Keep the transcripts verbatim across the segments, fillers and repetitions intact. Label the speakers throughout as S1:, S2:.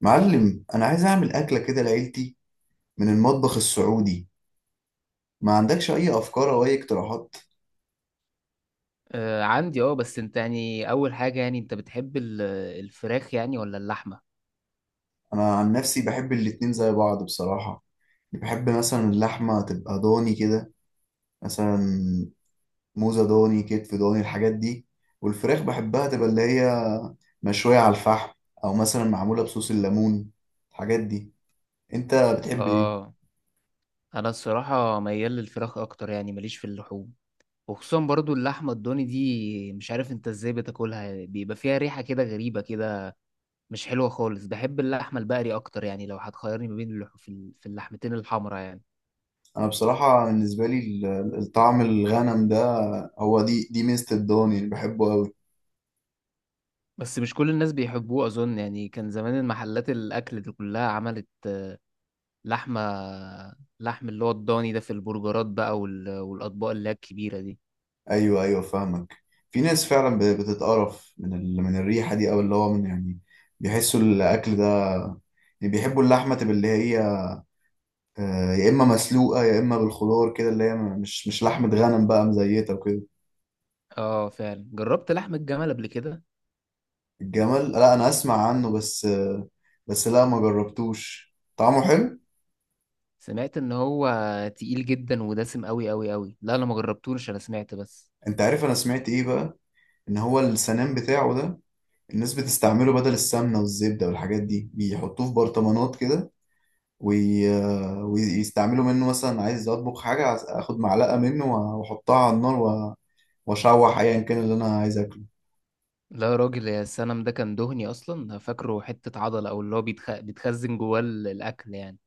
S1: معلم، انا عايز اعمل اكله كده لعيلتي من المطبخ السعودي. ما عندكش اي افكار او اي اقتراحات؟
S2: آه عندي اه بس انت يعني اول حاجة، يعني انت بتحب ال- الفراخ، يعني ولا اللحمة؟
S1: انا عن نفسي بحب الاتنين زي بعض بصراحه. بحب مثلا اللحمه تبقى ضاني كده، مثلا موزه ضاني، كتف ضاني، الحاجات دي. والفراخ بحبها تبقى اللي هي مشويه على الفحم، او مثلا معموله بصوص الليمون، الحاجات دي. انت بتحب ايه؟
S2: اه، انا الصراحة ميال للفراخ اكتر، يعني ماليش في اللحوم. وخصوصا برضو اللحمة الضاني دي، مش عارف انت ازاي بتاكلها، بيبقى فيها ريحة كده غريبة كده، مش حلوة خالص. بحب اللحمة البقري اكتر، يعني لو هتخيرني ما بين اللح... في ال- في اللحمتين الحمرا يعني.
S1: انا بصراحه بالنسبه لي ال- الطعم الغنم ده، هو دي دي ميزه الضاني اللي بحبه قوي.
S2: بس مش كل الناس بيحبوه اظن، يعني كان زمان المحلات الاكل دي كلها عملت لحمة لحم اللي هو الضاني ده في البرجرات بقى وال... والأطباق اللي هي الكبيرة دي.
S1: ايوه، ايوه، فاهمك. في ناس فعلا ب- بتتقرف من ال... من الريحه دي، او اللي هو من يعني بيحسوا الاكل ده. يعني بيحبوا اللحمه تبقى اللي هي آه، يا اما مسلوقه يا اما بالخضار كده، اللي هي م- مش مش لحمه غنم بقى مزيته وكده.
S2: اه، فعلا جربت لحم الجمل قبل كده.
S1: الجمل، لا انا اسمع عنه بس آه، بس لا ما جربتوش. طعمه حلو.
S2: سمعت ان هو تقيل جدا ودسم قوي قوي قوي. لا انا ما جربتوش، انا سمعت بس.
S1: انت عارف انا سمعت ايه بقى؟ ان هو السنان بتاعه ده، الناس بتستعمله بدل السمنه والزبده والحاجات دي، بيحطوه في برطمانات كده. وي... ويستعملوا منه، مثلا عايز اطبخ حاجه، عايز اخد معلقه منه واحطها على النار و- واشوح ايا كان اللي انا عايز اكله.
S2: لا يا راجل، يا السنم ده كان دهني اصلا، أنا فاكره حتة عضلة او اللي هو بيتخ... بيتخزن جواه ال- الاكل يعني.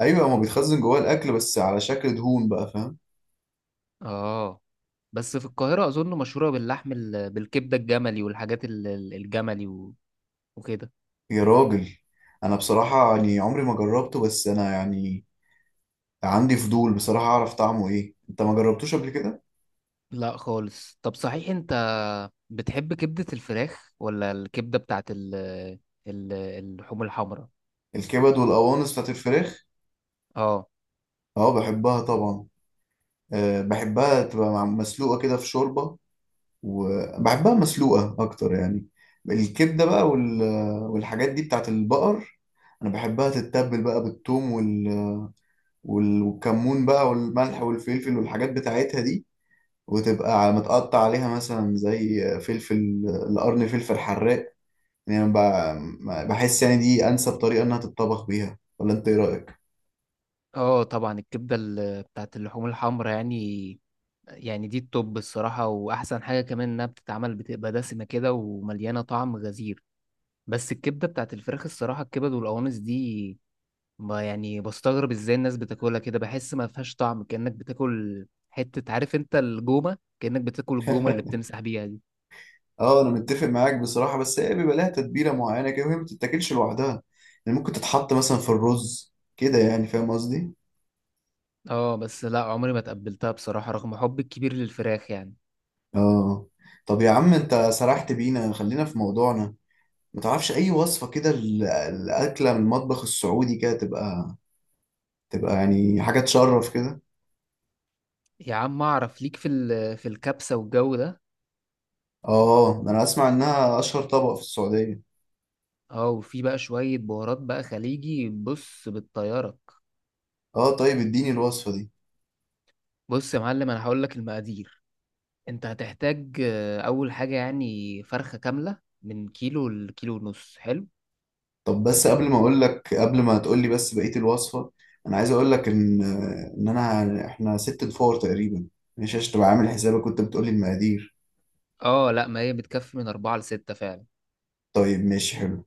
S1: ايوه، هو بيتخزن جواه الاكل بس على شكل دهون بقى، فاهم.
S2: اه، بس في القاهرة اظن مشهورة باللحم ال... بالكبدة الجملي والحاجات ال... ال- الجملي و... وكده.
S1: يا راجل، انا بصراحه يعني عمري ما جربته. بس انا يعني عندي فضول بصراحه، اعرف طعمه ايه. انت ما جربتوش قبل كده؟
S2: لا خالص. طب صحيح انت بتحب كبدة الفراخ ولا الكبدة بتاعت ال ال اللحوم الحمراء؟
S1: الكبد والقوانص بتاعت الفراخ.
S2: اه،
S1: اه، بحبها طبعا. أه بحبها تبقى مع- مسلوقه كده في شوربه، وبحبها مسلوقة أكتر يعني. الكبدة بقى وال... والحاجات دي بتاعت البقر. أنا بحبها تتبل بقى بالثوم وال... وال... والكمون بقى والملح والفلفل والحاجات بتاعتها دي، وتبقى متقطع عليها مثلا زي فلفل القرن، فلفل حراق. يعني أنا ب... بحس يعني دي أنسب طريقة إنها تتطبخ بيها، ولا أنت إيه رأيك؟
S2: اه، طبعا الكبدة ال- بتاعت اللحوم الحمراء، يعني يعني دي التوب الصراحة، واحسن حاجة كمان انها بتتعمل بتبقى دسمة كده ومليانة طعم غزير. بس الكبدة بتاعت الفراخ الصراحة، الكبد والقوانص دي، ما يعني بستغرب ازاي الناس بتاكلها كده، بحس ما فيهاش طعم، كأنك بتاكل حتة، عارف انت الجومة، كأنك بتاكل الجومة اللي بتمسح بيها دي.
S1: اه، انا متفق معاك بصراحه، بس هي بيبقى لها تتبيله معينه كده، وهي ما بتتاكلش لوحدها. يعني ممكن تتحط مثلا في الرز كده، يعني فاهم قصدي.
S2: اه، بس لا، عمري ما تقبلتها بصراحة رغم حبي الكبير للفراخ يعني.
S1: اه. طب يا عم انت سرحت بينا، خلينا في موضوعنا. ما تعرفش اي وصفة كده ال- الاكلة من المطبخ السعودي، كده تبقى تبقى يعني حاجة تشرف كده.
S2: يا عم اعرف ليك في ال- في الكبسة والجو ده.
S1: اه، انا اسمع انها اشهر طبق في السعودية.
S2: اه، وفي بقى شوية بهارات بقى خليجي، بص بتطيرك.
S1: اه، طيب اديني الوصفة دي.
S2: بص يا معلم، انا هقول لك المقادير. انت هتحتاج، آه، اول حاجة يعني فرخة كاملة من كيلو لكيلو ونص. حلو.
S1: طب بس قبل ما اقول لك، قبل ما تقول لي بس بقية الوصفة، انا عايز اقول لك ان ان انا احنا ست فور تقريبا. ماشي عشان تبقى عامل حسابك، كنت بتقول لي المقادير.
S2: اه لا، ما هي بتكفي من اربعة لستة فعلا.
S1: طيب ماشي حلو.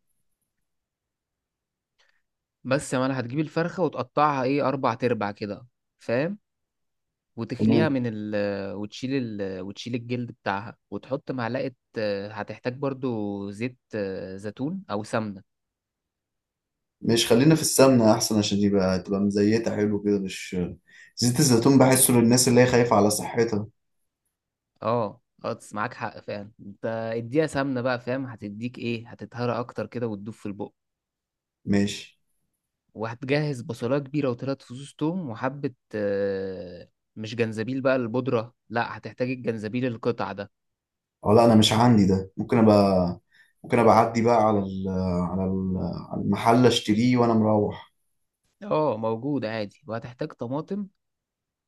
S2: بس يا معلم، هتجيب الفرخة وتقطعها، ايه، اربع تربع كده، فاهم؟ وتخليها من ال وتشيل ال وتشيل الجلد بتاعها وتحط معلقة. آه، هتحتاج برضو زيت آه، زيتون أو سمنة.
S1: مش، خلينا في السمنة أحسن، عشان يبقى تبقى مزيتة حلو كده. مش زيت الزيتون، بحسه للناس اللي هي خايفة على صحتها.
S2: اه، اه، معاك حق فعلا انت. اديها سمنة بقى، فاهم، هتديك ايه، هتتهرى اكتر كده وتدوب في البق.
S1: ماشي.
S2: وهتجهز بصلاية كبيرة وتلات فصوص توم وحبة، آه، مش جنزبيل بقى البودرة، لا هتحتاج الجنزبيل القطع ده.
S1: أو لا أنا مش عندي ده، ممكن أبقى ممكن أبقى أعدي بقى على ال... على ال... على المحل أشتريه وأنا مروح.
S2: اه، موجود عادي، وهتحتاج طماطم.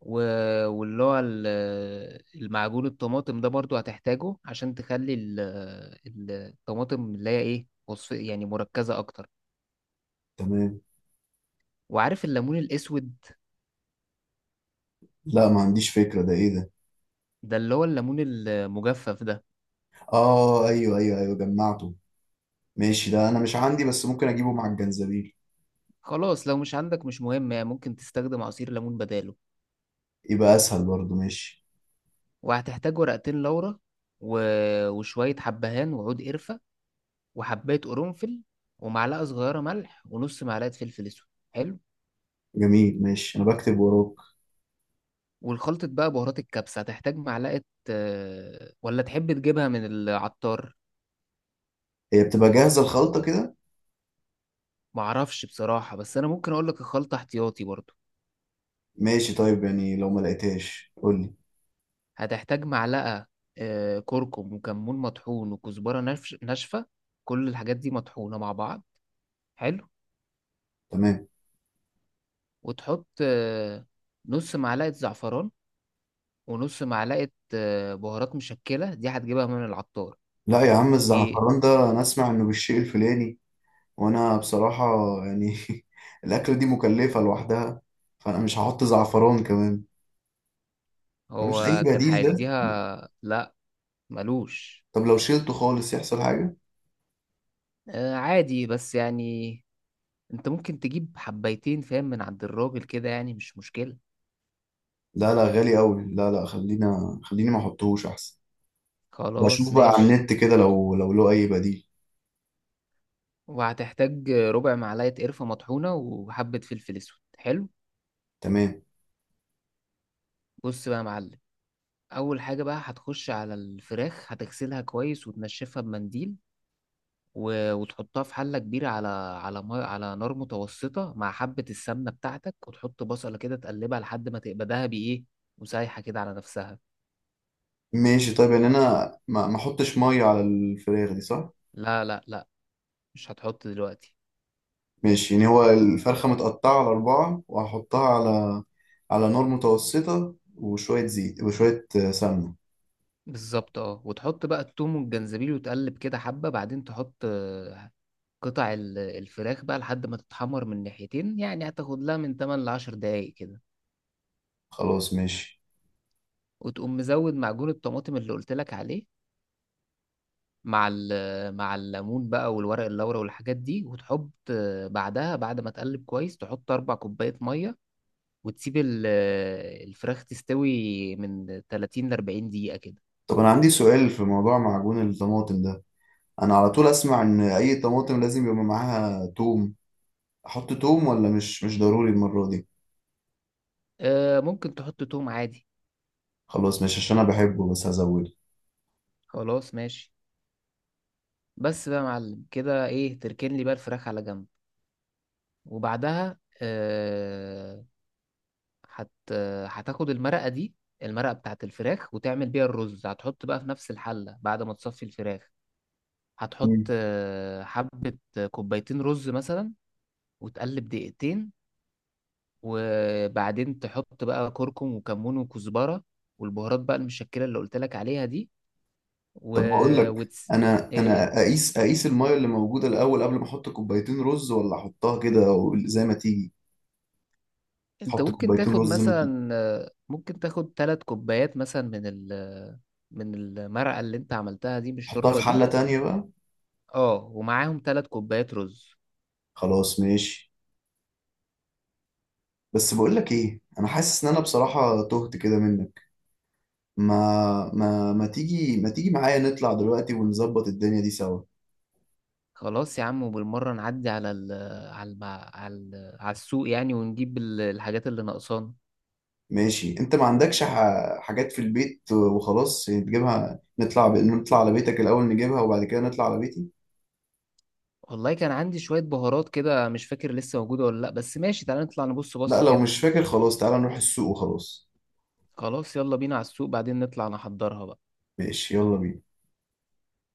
S2: و- واللي هو ال- المعجون الطماطم ده برضو هتحتاجه عشان تخلي ال- ال- الطماطم اللي هي ايه، وصف يعني مركزة اكتر.
S1: تمام.
S2: وعارف الليمون الاسود،
S1: لا، ما عنديش فكرة، ده إيه ده؟
S2: ده اللي هو الليمون المجفف ده.
S1: آه، أيوه، أيوه، أيوه، جمعته. ماشي، ده أنا مش عندي، بس ممكن أجيبه مع الجنزبيل.
S2: خلاص، لو مش عندك مش مهم، يعني ممكن تستخدم عصير ليمون بداله.
S1: يبقى أسهل برضه. ماشي.
S2: وهتحتاج ورقتين لورا و- وشوية حبهان وعود قرفة وحباية قرنفل ومعلقة صغيرة ملح ونص معلقة فلفل اسود. حلو.
S1: جميل، ماشي، أنا بكتب وراك.
S2: والخلطة بقى بهارات الكبسة هتحتاج معلقة، آه، ولا تحب تجيبها من العطار؟
S1: هي بتبقى جاهزة الخلطة كده؟
S2: معرفش بصراحة، بس أنا ممكن أقولك الخلطة احتياطي برضو.
S1: ماشي طيب، يعني لو ما لقيتهاش قول لي.
S2: هتحتاج معلقة آه، كركم وكمون مطحون وكزبرة نفش- ناشفة. كل الحاجات دي مطحونة مع بعض. حلو.
S1: تمام.
S2: وتحط آه، نص معلقة زعفران ونص معلقة آه، بهارات مشكلة، دي هتجيبها من العطار.
S1: لا يا عم،
S2: دي
S1: الزعفران ده انا اسمع انه بالشيء الفلاني، وانا بصراحة يعني الاكلة دي مكلفة لوحدها، فانا مش هحط زعفران كمان. ملوش اي
S2: هو كان
S1: بديل ده؟
S2: هيديها، لا. ملوش
S1: طب لو شيلته خالص يحصل حاجة؟
S2: آه، عادي، بس يعني انت ممكن تجيب حبايتين، فاهم، من عند الراجل كده يعني مش مشكلة.
S1: لا، لا، غالي قوي، لا، لا، خلينا، خليني ما احطهوش احسن.
S2: خلاص
S1: بشوف بقى على
S2: ماشي.
S1: النت كده، لو لو له اي بديل.
S2: وهتحتاج ربع معلقة قرفة مطحونة وحبة فلفل اسود. حلو.
S1: تمام
S2: بص بقى يا معلم، اول حاجة بقى هتخش على الفراخ، هتغسلها كويس وتنشفها بمنديل. و... وتحطها في حلة كبيرة على على ما... على نار متوسطة مع حبة السمنة بتاعتك، وتحط بصلة كده تقلبها لحد ما تبقى دهبي ايه وسايحة كده على نفسها.
S1: ماشي طيب، يعني انا ما ما احطش مية على الفراخ دي، صح؟
S2: لا، لا، لا، مش هتحط دلوقتي.
S1: ماشي. يعني هو الفرخة متقطعة على أربعة، وهحطها على على نار متوسطة، وشوية زيت وشوية آه، سمنة.
S2: بالظبط. اه، وتحط بقى التوم والجنزبيل وتقلب كده حبة، بعدين تحط آه، قطع ال- الفراخ بقى لحد ما تتحمر من ناحيتين، يعني هتاخد لها من ثمانية ل عشرة دقايق كده.
S1: خلاص ماشي.
S2: وتقوم مزود معجون الطماطم اللي قلت لك عليه مع ال- مع الليمون بقى والورق اللورا والحاجات دي، وتحط، آه، بعدها بعد ما تقلب كويس تحط أربع كوباية مية، وتسيب ال- آه، الفراخ تستوي من تلاتين ل اربعين دقيقة كده.
S1: طب أنا عندي سؤال في موضوع معجون الطماطم ده. أنا على طول أسمع إن أي طماطم لازم يبقى معاها توم، أحط توم ولا مش مش ضروري المرة دي؟
S2: آه، ممكن تحط توم عادي.
S1: خلاص، مش عشان أنا بحبه، بس هزوده.
S2: خلاص ماشي. بس بقى يا معلم، كده ايه، تركن لي بقى الفراخ على جنب، وبعدها آه هت هتاخد المرقة دي، المرقة بتاعت الفراخ وتعمل بيها الرز. هتحط بقى في نفس الحلة بعد ما تصفي الفراخ. هتحط
S1: مم.
S2: آه، حبة كوبايتين رز مثلا، وتقلب دقيقتين. وبعدين تحط بقى كركم وكمون وكزبرة والبهارات بقى المشكلة اللي قلت لك عليها دي و...
S1: طب بقول لك،
S2: وتس...
S1: أنا
S2: إيه،
S1: أنا أقيس أقيس المية اللي موجودة الأول قبل ما أحط كوبايتين رز، ولا أحطها كده زي ما تيجي؟
S2: انت
S1: أحط
S2: ممكن
S1: كوبايتين
S2: تاخد
S1: رز،
S2: مثلا آه، ممكن تاخد ثلاث كوبايات مثلا من ال من المرقة اللي انت عملتها دي، من
S1: احطها
S2: الشوربة
S1: في
S2: دي.
S1: حلة تانية بقى.
S2: اه، ومعاهم ثلاث كوبايات رز.
S1: خلاص ماشي. بس بقول لك ايه، انا حاسس ان انا بصراحة تهت كده منك. ما ما ما تيجي ما تيجي معايا نطلع دلوقتي ونظبط الدنيا دي سوا.
S2: خلاص يا عم. وبالمرة نعدي على ال على الم- على ال- على السوق يعني، ونجيب ال- الحاجات اللي ناقصانا.
S1: ماشي. انت ما عندكش ح... حاجات في البيت وخلاص يعني تجيبها، نطلع ب... نطلع على بيتك الاول نجيبها، وبعد كده نطلع على بيتي.
S2: والله كان عندي شوية بهارات كده، مش فاكر لسه موجودة ولا لأ، بس ماشي، تعالى نطلع نبص
S1: لا،
S2: بصة
S1: لو
S2: كده.
S1: مش فاكر خلاص تعالى نروح السوق وخلاص.
S2: خلاص، يلا بينا على السوق، بعدين نطلع نحضرها بقى.
S1: ماشي يلا بينا.